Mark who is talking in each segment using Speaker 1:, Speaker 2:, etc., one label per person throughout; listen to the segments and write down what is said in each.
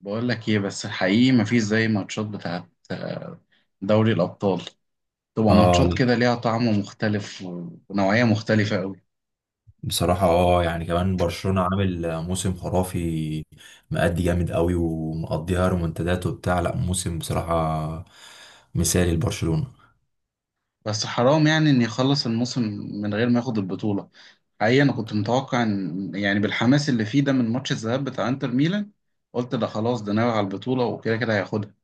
Speaker 1: بقول لك ايه؟ بس الحقيقي مفيش زي ماتشات بتاعت دوري الأبطال. تبقى
Speaker 2: اه.
Speaker 1: ماتشات كده ليها طعم مختلف و- ونوعية مختلفة قوي.
Speaker 2: بصراحة يعني كمان برشلونة عامل موسم خرافي، مأدي جامد قوي ومقضيها رومنتادات وبتاع، لا موسم بصراحة مثالي لبرشلونة.
Speaker 1: بس حرام يعني إن يخلص الموسم من غير ما ياخد البطولة. حقيقي أنا كنت متوقع إن يعني بالحماس اللي فيه ده من ماتش الذهاب بتاع إنتر ميلان، قلت ده خلاص، ده ناوي على البطولة وكده كده هياخدها.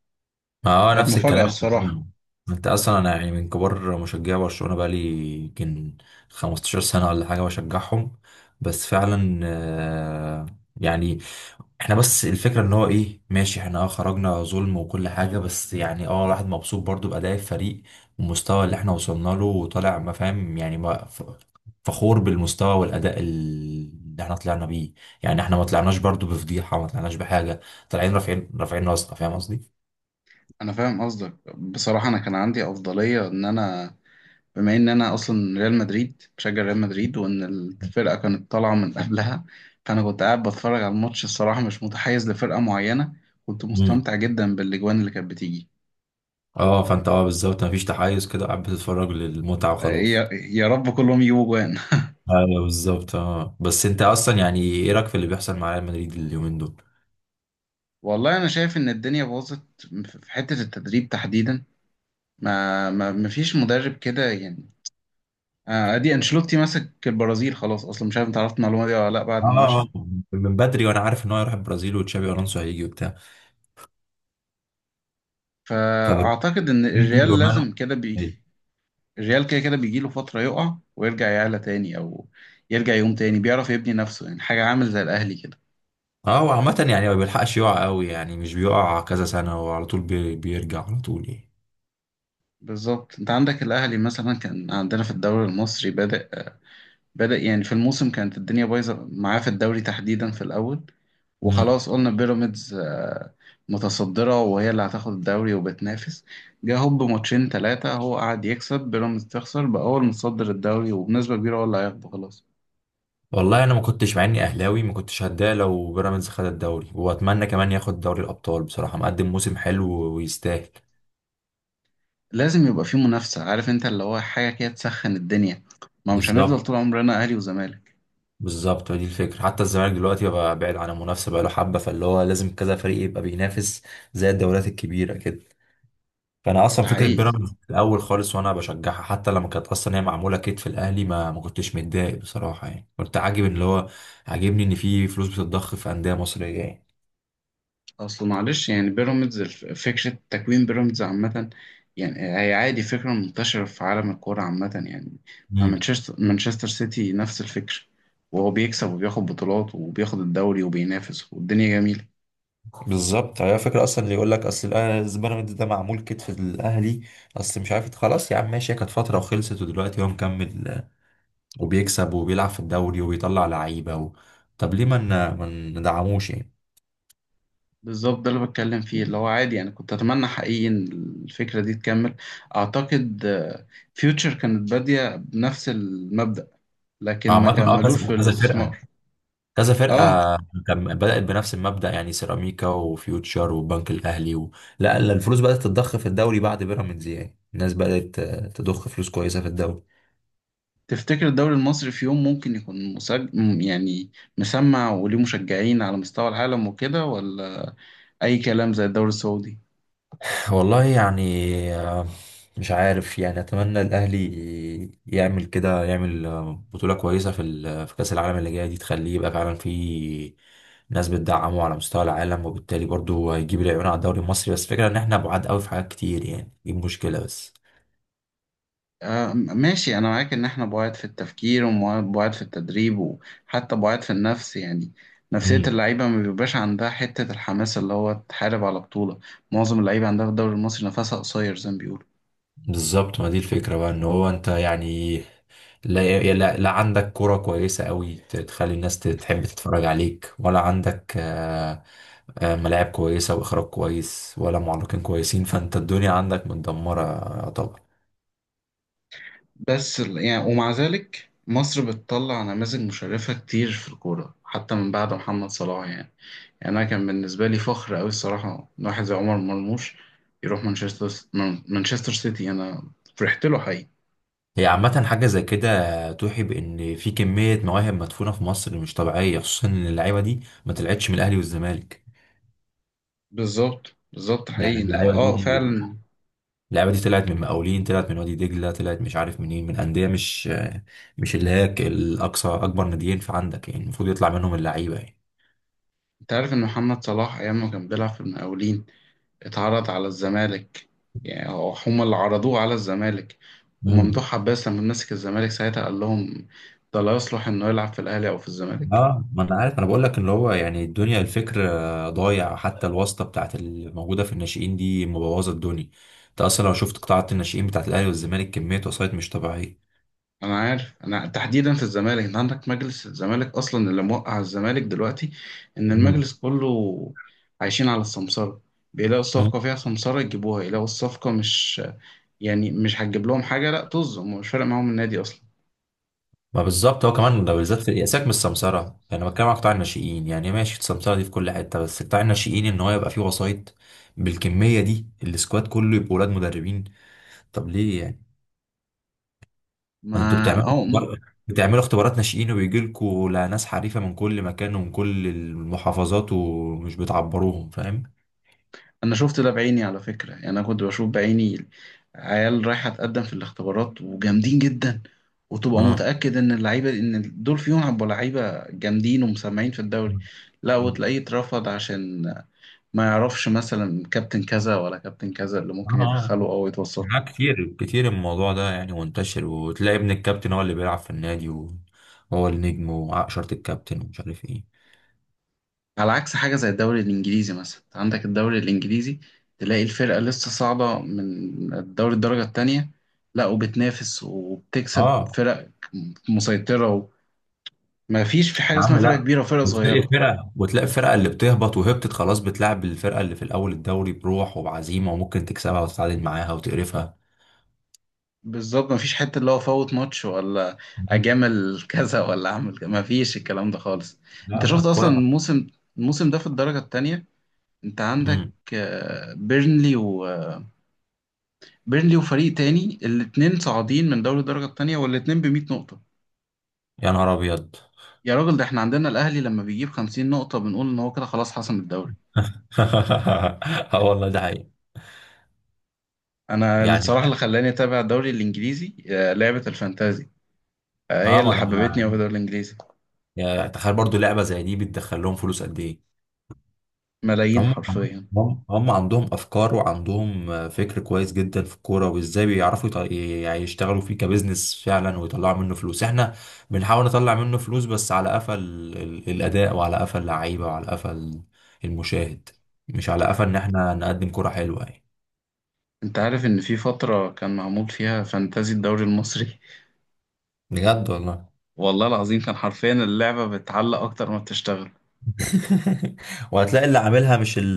Speaker 2: ما هو
Speaker 1: كانت
Speaker 2: نفس
Speaker 1: مفاجأة
Speaker 2: الكلام.
Speaker 1: الصراحة.
Speaker 2: انت اصلا، انا يعني من كبار مشجعي برشلونة بقالي يمكن 15 سنة ولا حاجة بشجعهم. بس فعلا يعني احنا، بس الفكرة ان هو ايه، ماشي احنا خرجنا ظلم وكل حاجة، بس يعني الواحد مبسوط برضو بأداء الفريق والمستوى اللي احنا وصلنا له وطالع، ما فاهم يعني ما ف- فخور بالمستوى والأداء اللي احنا طلعنا بيه. يعني احنا ما طلعناش برضو بفضيحة، ما طلعناش بحاجة، طالعين رافعين رافعين راسنا، فاهم قصدي؟
Speaker 1: أنا فاهم قصدك. بصراحة أنا كان عندي أفضلية، إن أنا بما ان انا اصلا ريال مدريد، بشجع ريال مدريد، وان الفرقه كانت طالعه من قبلها، فانا كنت قاعد بتفرج على الماتش. الصراحه مش متحيز لفرقه معينه، كنت
Speaker 2: امم.
Speaker 1: مستمتع جدا بالاجوان اللي كانت بتيجي.
Speaker 2: اه فانت بالظبط مفيش تحيز كده، قاعد بتتفرج للمتعة وخلاص.
Speaker 1: يا رب كلهم يجيبوا جوان.
Speaker 2: ايوه بالظبط، بس انت اصلا يعني ايه رأيك في اللي بيحصل مع ريال مدريد اليومين دول؟
Speaker 1: والله انا شايف ان الدنيا باظت في حته التدريب تحديدا. ما فيش مدرب كده يعني. ادي انشيلوتي ماسك البرازيل خلاص، اصلا مش عارف انت عرفت المعلومه دي ولا لا، بعد ما
Speaker 2: اه
Speaker 1: مشى.
Speaker 2: اه، من بدري وانا عارف ان هو هيروح البرازيل وتشابي الونسو هيجي وبتاع.
Speaker 1: فاعتقد ان
Speaker 2: فبرازيل
Speaker 1: الريال
Speaker 2: رومانو
Speaker 1: لازم كده
Speaker 2: إيه.
Speaker 1: الريال كده كده بيجيله فترة يقع ويرجع يعلى تاني، أو يرجع يقوم تاني، بيعرف يبني نفسه يعني. حاجة عامل زي الأهلي كده.
Speaker 2: اه وعامة يعني ما بيلحقش يقع قوي، يعني مش بيقع كذا سنة وعلى طول بيرجع على طول يعني.
Speaker 1: بالظبط. أنت عندك الأهلي مثلا، كان عندنا في الدوري المصري، بدأ يعني في الموسم كانت الدنيا بايظة معاه في الدوري تحديدا في الأول،
Speaker 2: امم.
Speaker 1: وخلاص قلنا بيراميدز متصدرة وهي اللي هتاخد الدوري وبتنافس. جه هوب ماتشين تلاتة هو قعد يكسب، بيراميدز تخسر، بقى هو المتصدر الدوري وبنسبة كبيرة هو اللي هياخده خلاص.
Speaker 2: والله انا ما كنتش، مع اني اهلاوي ما كنتش هتضايق لو بيراميدز خد الدوري، واتمنى كمان ياخد دوري الابطال بصراحة، مقدم موسم حلو ويستاهل.
Speaker 1: لازم يبقى في منافسة، عارف انت، اللي هو حاجة كده تسخن الدنيا. ما مش هنفضل
Speaker 2: بالظبط
Speaker 1: طول عمرنا اهلي وزمالك.
Speaker 2: بالظبط، دي الفكرة، حتى الزمالك دلوقتي بقى بعيد عن المنافسة بقى له حبة، فاللي هو لازم كذا فريق يبقى بينافس زي الدوريات الكبيرة كده. فانا اصلا
Speaker 1: ده
Speaker 2: فكره
Speaker 1: حقيقي.
Speaker 2: بيراميدز في الاول خالص، وانا بشجعها حتى لما كانت اصلا هي معموله كتف الاهلي، ما كنتش متضايق بصراحه، يعني كنت عاجب اللي هو، عاجبني ان في فلوس بتتضخ في انديه مصريه يعني.
Speaker 1: اصل معلش يعني بيراميدز فكرة تكوين بيراميدز عامة يعني، هي عادي فكرة منتشرة في عالم الكورة عامة يعني. مع
Speaker 2: امم.
Speaker 1: مانشستر سيتي نفس الفكرة، وهو بيكسب وبياخد بطولات وبياخد الدوري وبينافس والدنيا جميلة.
Speaker 2: بالظبط، هي فكره اصلا اللي يقول لك اصل الأهلي- بيراميدز ده معمول كتف الاهلي، اصل مش عارف، خلاص يا عم ماشي، هي كانت فتره وخلصت، ودلوقتي هو مكمل وبيكسب وبيلعب في الدوري وبيطلع لعيبه. و... طب ليه ما ندعموش يعني.
Speaker 1: بالظبط ده اللي بتكلم فيه، اللي هو عادي يعني. كنت أتمنى حقيقي إن الفكرة دي تكمل. أعتقد فيوتشر كانت بادية بنفس المبدأ، لكن ما
Speaker 2: عامة
Speaker 1: كملوش
Speaker 2: كذا
Speaker 1: في
Speaker 2: كذا فرقة،
Speaker 1: الاستثمار.
Speaker 2: كذا فرقة
Speaker 1: اه.
Speaker 2: كان بدأت بنفس المبدأ، يعني سيراميكا وفيوتشر والبنك الأهلي. و... لا لا، الفلوس بدأت تتضخ في الدوري بعد بيراميدز، يعني الناس بدأت تضخ فلوس كويسة في الدوري.
Speaker 1: تفتكر الدوري المصري في يوم ممكن يكون يعني مسمع، وليه مشجعين على مستوى العالم وكده؟ ولا اي كلام زي الدوري السعودي؟
Speaker 2: والله يعني، آه، مش عارف، يعني أتمنى الأهلي يعمل كده، يعمل بطولة كويسة في في كأس العالم اللي جاية دي، تخليه يبقى فعلا في ناس بتدعمه على مستوى العالم، وبالتالي برضو هيجيب العيون على الدوري المصري، بس فكرة إن إحنا بعاد قوي في حاجات كتير يعني، دي مشكلة بس.
Speaker 1: ماشي، انا معاك ان احنا بعاد في التفكير وبعاد في التدريب وحتى بعاد في النفس يعني. نفسية اللعيبة ما بيبقاش عندها حتة الحماس اللي هو تحارب على بطولة. معظم اللعيبة عندها في الدوري المصري نفسها قصير زي ما بيقولوا.
Speaker 2: بالظبط، ما دي الفكرة بقى، ان هو انت يعني، لا لا, لا عندك كرة كويسة قوي تخلي الناس تحب تتفرج عليك، ولا عندك ملاعب كويسة واخراج كويس، ولا معلقين كويسين، فانت الدنيا عندك متدمرة طبعا.
Speaker 1: يعني ومع ذلك مصر بتطلع نماذج مشرفة كتير في الكورة، حتى من بعد محمد صلاح يعني. يعني أنا كان بالنسبة لي فخر أوي الصراحة إن واحد زي عمر مرموش يروح مانشستر، مانشستر سيتي. أنا فرحت له حقيقي.
Speaker 2: هي عامة حاجة زي كده توحي بان في كمية مواهب مدفونة في مصر مش طبيعية، خصوصا ان اللعيبة دي ما طلعتش من الاهلي والزمالك.
Speaker 1: بالظبط بالظبط،
Speaker 2: يعني
Speaker 1: حقيقي ده
Speaker 2: اللعيبة
Speaker 1: اه
Speaker 2: دي،
Speaker 1: فعلا.
Speaker 2: اللعبة دي طلعت من مقاولين، طلعت من وادي دجلة، طلعت مش عارف منين، من أندية مش، مش اللي هي الأقصى أكبر ناديين في عندك، يعني المفروض يطلع منهم اللعيبة يعني.
Speaker 1: انت عارف ان محمد صلاح ايام ما كان بيلعب في المقاولين اتعرض على الزمالك. يعني هما اللي عرضوه على الزمالك،
Speaker 2: امم.
Speaker 1: وممدوح عباس لما مسك الزمالك ساعتها قال لهم ده لا يصلح انه يلعب في الاهلي او في الزمالك.
Speaker 2: اه ما انا عارف، انا بقول لك اللي هو يعني الدنيا الفكر ضايع، حتى الواسطه بتاعت الموجوده في الناشئين دي مبوظه الدنيا. انت اصلا لو شفت قطاعات الناشئين بتاعت الاهلي والزمالك، كميه وسايط مش طبيعيه.
Speaker 1: انا عارف. انا تحديدا في الزمالك، انت عندك مجلس الزمالك اصلا اللي موقع الزمالك دلوقتي، ان المجلس كله عايشين على السمسرة. بيلاقوا
Speaker 2: امم.
Speaker 1: الصفقة فيها سمسرة يجيبوها، يلاقوا الصفقة مش يعني مش هتجيب لهم حاجة، لا طز، هم مش فارق معاهم النادي اصلا.
Speaker 2: ما بالظبط، هو كمان ده بالذات، في سيبك من السمسرة، يعني بتكلم على قطاع الناشئين، يعني ماشي السمسرة دي في كل حتة، بس قطاع الناشئين ان هو يبقى فيه وسايط بالكمية دي، السكواد كله يبقى ولاد مدربين. طب ليه يعني،
Speaker 1: ما
Speaker 2: ما انتوا بتعملوا
Speaker 1: هو م-
Speaker 2: اختبار- بتعملوا اختبارات ناشئين، وبيجي لكم ناس حريفة من كل مكان ومن كل المحافظات، ومش بتعبروهم فاهم.
Speaker 1: انا شفت ده بعيني على فكرة يعني. انا كنت بشوف بعيني عيال رايحة تقدم في الاختبارات وجامدين جدا، وتبقى
Speaker 2: اه
Speaker 1: متأكد ان اللعيبة ان دول فيهم هيبقوا لعيبة جامدين ومسمعين في الدوري. لا
Speaker 2: اه.
Speaker 1: وتلاقيه اترفض عشان ما يعرفش مثلا كابتن كذا ولا كابتن كذا، اللي ممكن
Speaker 2: آه.
Speaker 1: يدخله او يتوسط له.
Speaker 2: لا كتير كتير، الموضوع ده يعني منتشر، وتلاقي ابن الكابتن هو اللي بيلعب في النادي وهو النجم وعقشرة الكابتن ومش عارف ايه.
Speaker 1: على عكس حاجه زي الدوري الانجليزي مثلا، أنت عندك الدوري الانجليزي تلاقي الفرقه لسه صاعده من الدوري الدرجه التانية، لا وبتنافس وبتكسب
Speaker 2: اه
Speaker 1: فرق مسيطره. وما فيش في حاجه
Speaker 2: يا
Speaker 1: اسمها
Speaker 2: عم
Speaker 1: فرقه
Speaker 2: لا،
Speaker 1: كبيره وفرقه
Speaker 2: وتلاقي
Speaker 1: صغيره.
Speaker 2: فرقه، وتلاقي الفرقه اللي بتهبط وهبطت خلاص، بتلعب الفرقه اللي في الاول الدوري بروح وبعزيمه، وممكن تكسبها وتتعادل معاها وتقرفها.
Speaker 1: بالظبط ما فيش حته اللي هو فوت ماتش ولا
Speaker 2: مم.
Speaker 1: اجامل كذا ولا اعمل كذا، ما فيش الكلام ده خالص. انت
Speaker 2: لا لا
Speaker 1: شفت اصلا
Speaker 2: الكرة.
Speaker 1: الموسم، الموسم ده في الدرجه التانية، انت عندك
Speaker 2: امم.
Speaker 1: بيرنلي و بيرلي وفريق تاني، الاتنين صاعدين من دوري الدرجة التانية والاتنين ب100 نقطة.
Speaker 2: يا نهار ابيض.
Speaker 1: يا راجل، ده احنا عندنا الأهلي لما بيجيب 50 نقطة بنقول إن هو كده خلاص حسم الدوري.
Speaker 2: اه والله ده حقيقي.
Speaker 1: أنا
Speaker 2: يعني
Speaker 1: الصراحة اللي خلاني أتابع الدوري الإنجليزي لعبة الفانتازي. هي
Speaker 2: اه ما
Speaker 1: اللي حببتني أوي في
Speaker 2: انا،
Speaker 1: الدوري الإنجليزي.
Speaker 2: يعني تخيل برضو لعبه زي دي بتدخل لهم فلوس قد ايه.
Speaker 1: ملايين
Speaker 2: هم
Speaker 1: حرفيا.
Speaker 2: هم عندهم افكار، وعندهم فكر كويس جدا في الكوره، وازاي بيعرفوا يعني يشتغلوا فيه كبزنس فعلا ويطلعوا منه فلوس، احنا بنحاول نطلع منه فلوس بس على قفا الاداء، وعلى قفا اللعيبه، وعلى قفا المشاهد، مش على قفا ان احنا نقدم كوره حلوه يعني.
Speaker 1: أنت عارف إن في فترة كان معمول فيها فانتازي الدوري المصري؟
Speaker 2: بجد والله.
Speaker 1: والله العظيم كان حرفيا اللعبة بتعلق أكتر ما بتشتغل.
Speaker 2: وهتلاقي اللي عاملها مش،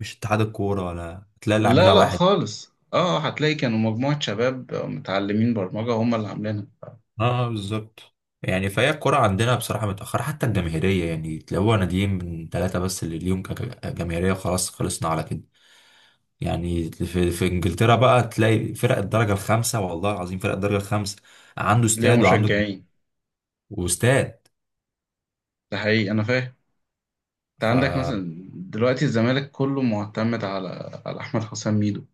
Speaker 2: مش اتحاد الكوره، ولا هتلاقي اللي
Speaker 1: لا
Speaker 2: عاملها
Speaker 1: لا
Speaker 2: واحد.
Speaker 1: خالص، اه هتلاقي كانوا مجموعة شباب متعلمين برمجة هم اللي عاملينها.
Speaker 2: اه بالظبط، يعني فهي الكرة عندنا بصراحة متأخرة، حتى الجماهيرية، يعني تلاقوها ناديين من ثلاثة بس اللي ليهم كجماهيرية، خلاص خلصنا على كده. يعني في, في انجلترا بقى تلاقي فرق الدرجة الخامسة، والله العظيم فرق الدرجة الخامسة عنده
Speaker 1: ليها
Speaker 2: استاد، وعنده،
Speaker 1: مشجعين
Speaker 2: واستاد.
Speaker 1: ده حقيقي انا فاهم. انت
Speaker 2: ف
Speaker 1: عندك مثلا دلوقتي الزمالك كله معتمد على احمد حسام ميدو.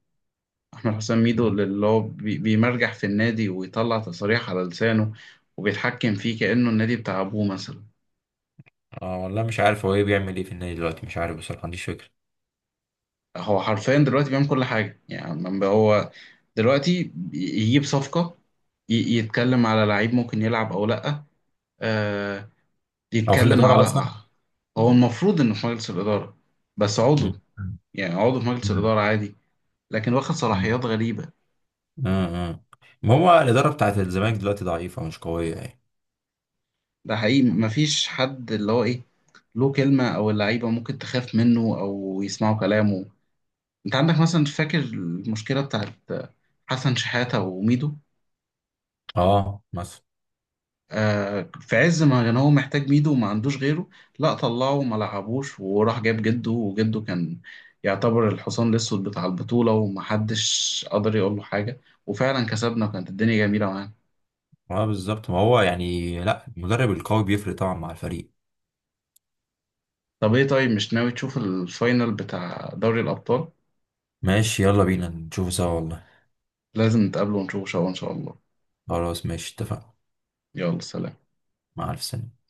Speaker 1: احمد حسام ميدو اللي هو بيمرجح في النادي ويطلع تصاريح على لسانه، وبيتحكم فيه كأنه النادي بتاع ابوه مثلا.
Speaker 2: آه والله مش عارف هو ايه بيعمل، ايه في النادي دلوقتي، مش عارف بصراحة ما عنديش فكرة.
Speaker 1: هو حرفيا دلوقتي بيعمل كل حاجة يعني. لما هو دلوقتي يجيب صفقة، يتكلم على لعيب ممكن يلعب او لا، آه
Speaker 2: او في هو
Speaker 1: يتكلم
Speaker 2: الإدارة
Speaker 1: على...
Speaker 2: أصلا؟
Speaker 1: هو المفروض انه في مجلس الإدارة بس عضو
Speaker 2: مم.
Speaker 1: يعني، عضو في مجلس
Speaker 2: مم.
Speaker 1: الإدارة عادي، لكن واخد
Speaker 2: مم.
Speaker 1: صلاحيات غريبة.
Speaker 2: اه اه، ما هو الإدارة بتاعت الزمالك دلوقتي ضعيفة مش قوية يعني.
Speaker 1: ده حقيقي. مفيش حد اللي هو ايه، له كلمة، او اللعيبة ممكن تخاف منه او يسمعوا كلامه. انت عندك مثلا، فاكر المشكلة بتاعت حسن شحاتة وميدو؟
Speaker 2: اه مثلا.
Speaker 1: في عز ما كان هو محتاج ميدو وما عندوش غيره، لا طلعه وما لعبوش، وراح جاب جده، وجده كان يعتبر الحصان الاسود بتاع البطولة ومحدش قدر يقول له حاجة، وفعلا كسبنا وكانت الدنيا جميلة معانا.
Speaker 2: اه بالظبط، ما هو يعني، لا، المدرب القوي بيفرق طبعا مع الفريق.
Speaker 1: طب ايه؟ طيب مش ناوي تشوف الفاينل بتاع دوري الأبطال؟
Speaker 2: ماشي يلا بينا نشوفه سوا والله.
Speaker 1: لازم نتقابله ونشوفه سوا ان شاء الله.
Speaker 2: خلاص ماشي اتفقنا.
Speaker 1: يلا سلام.
Speaker 2: مع ألف سنة.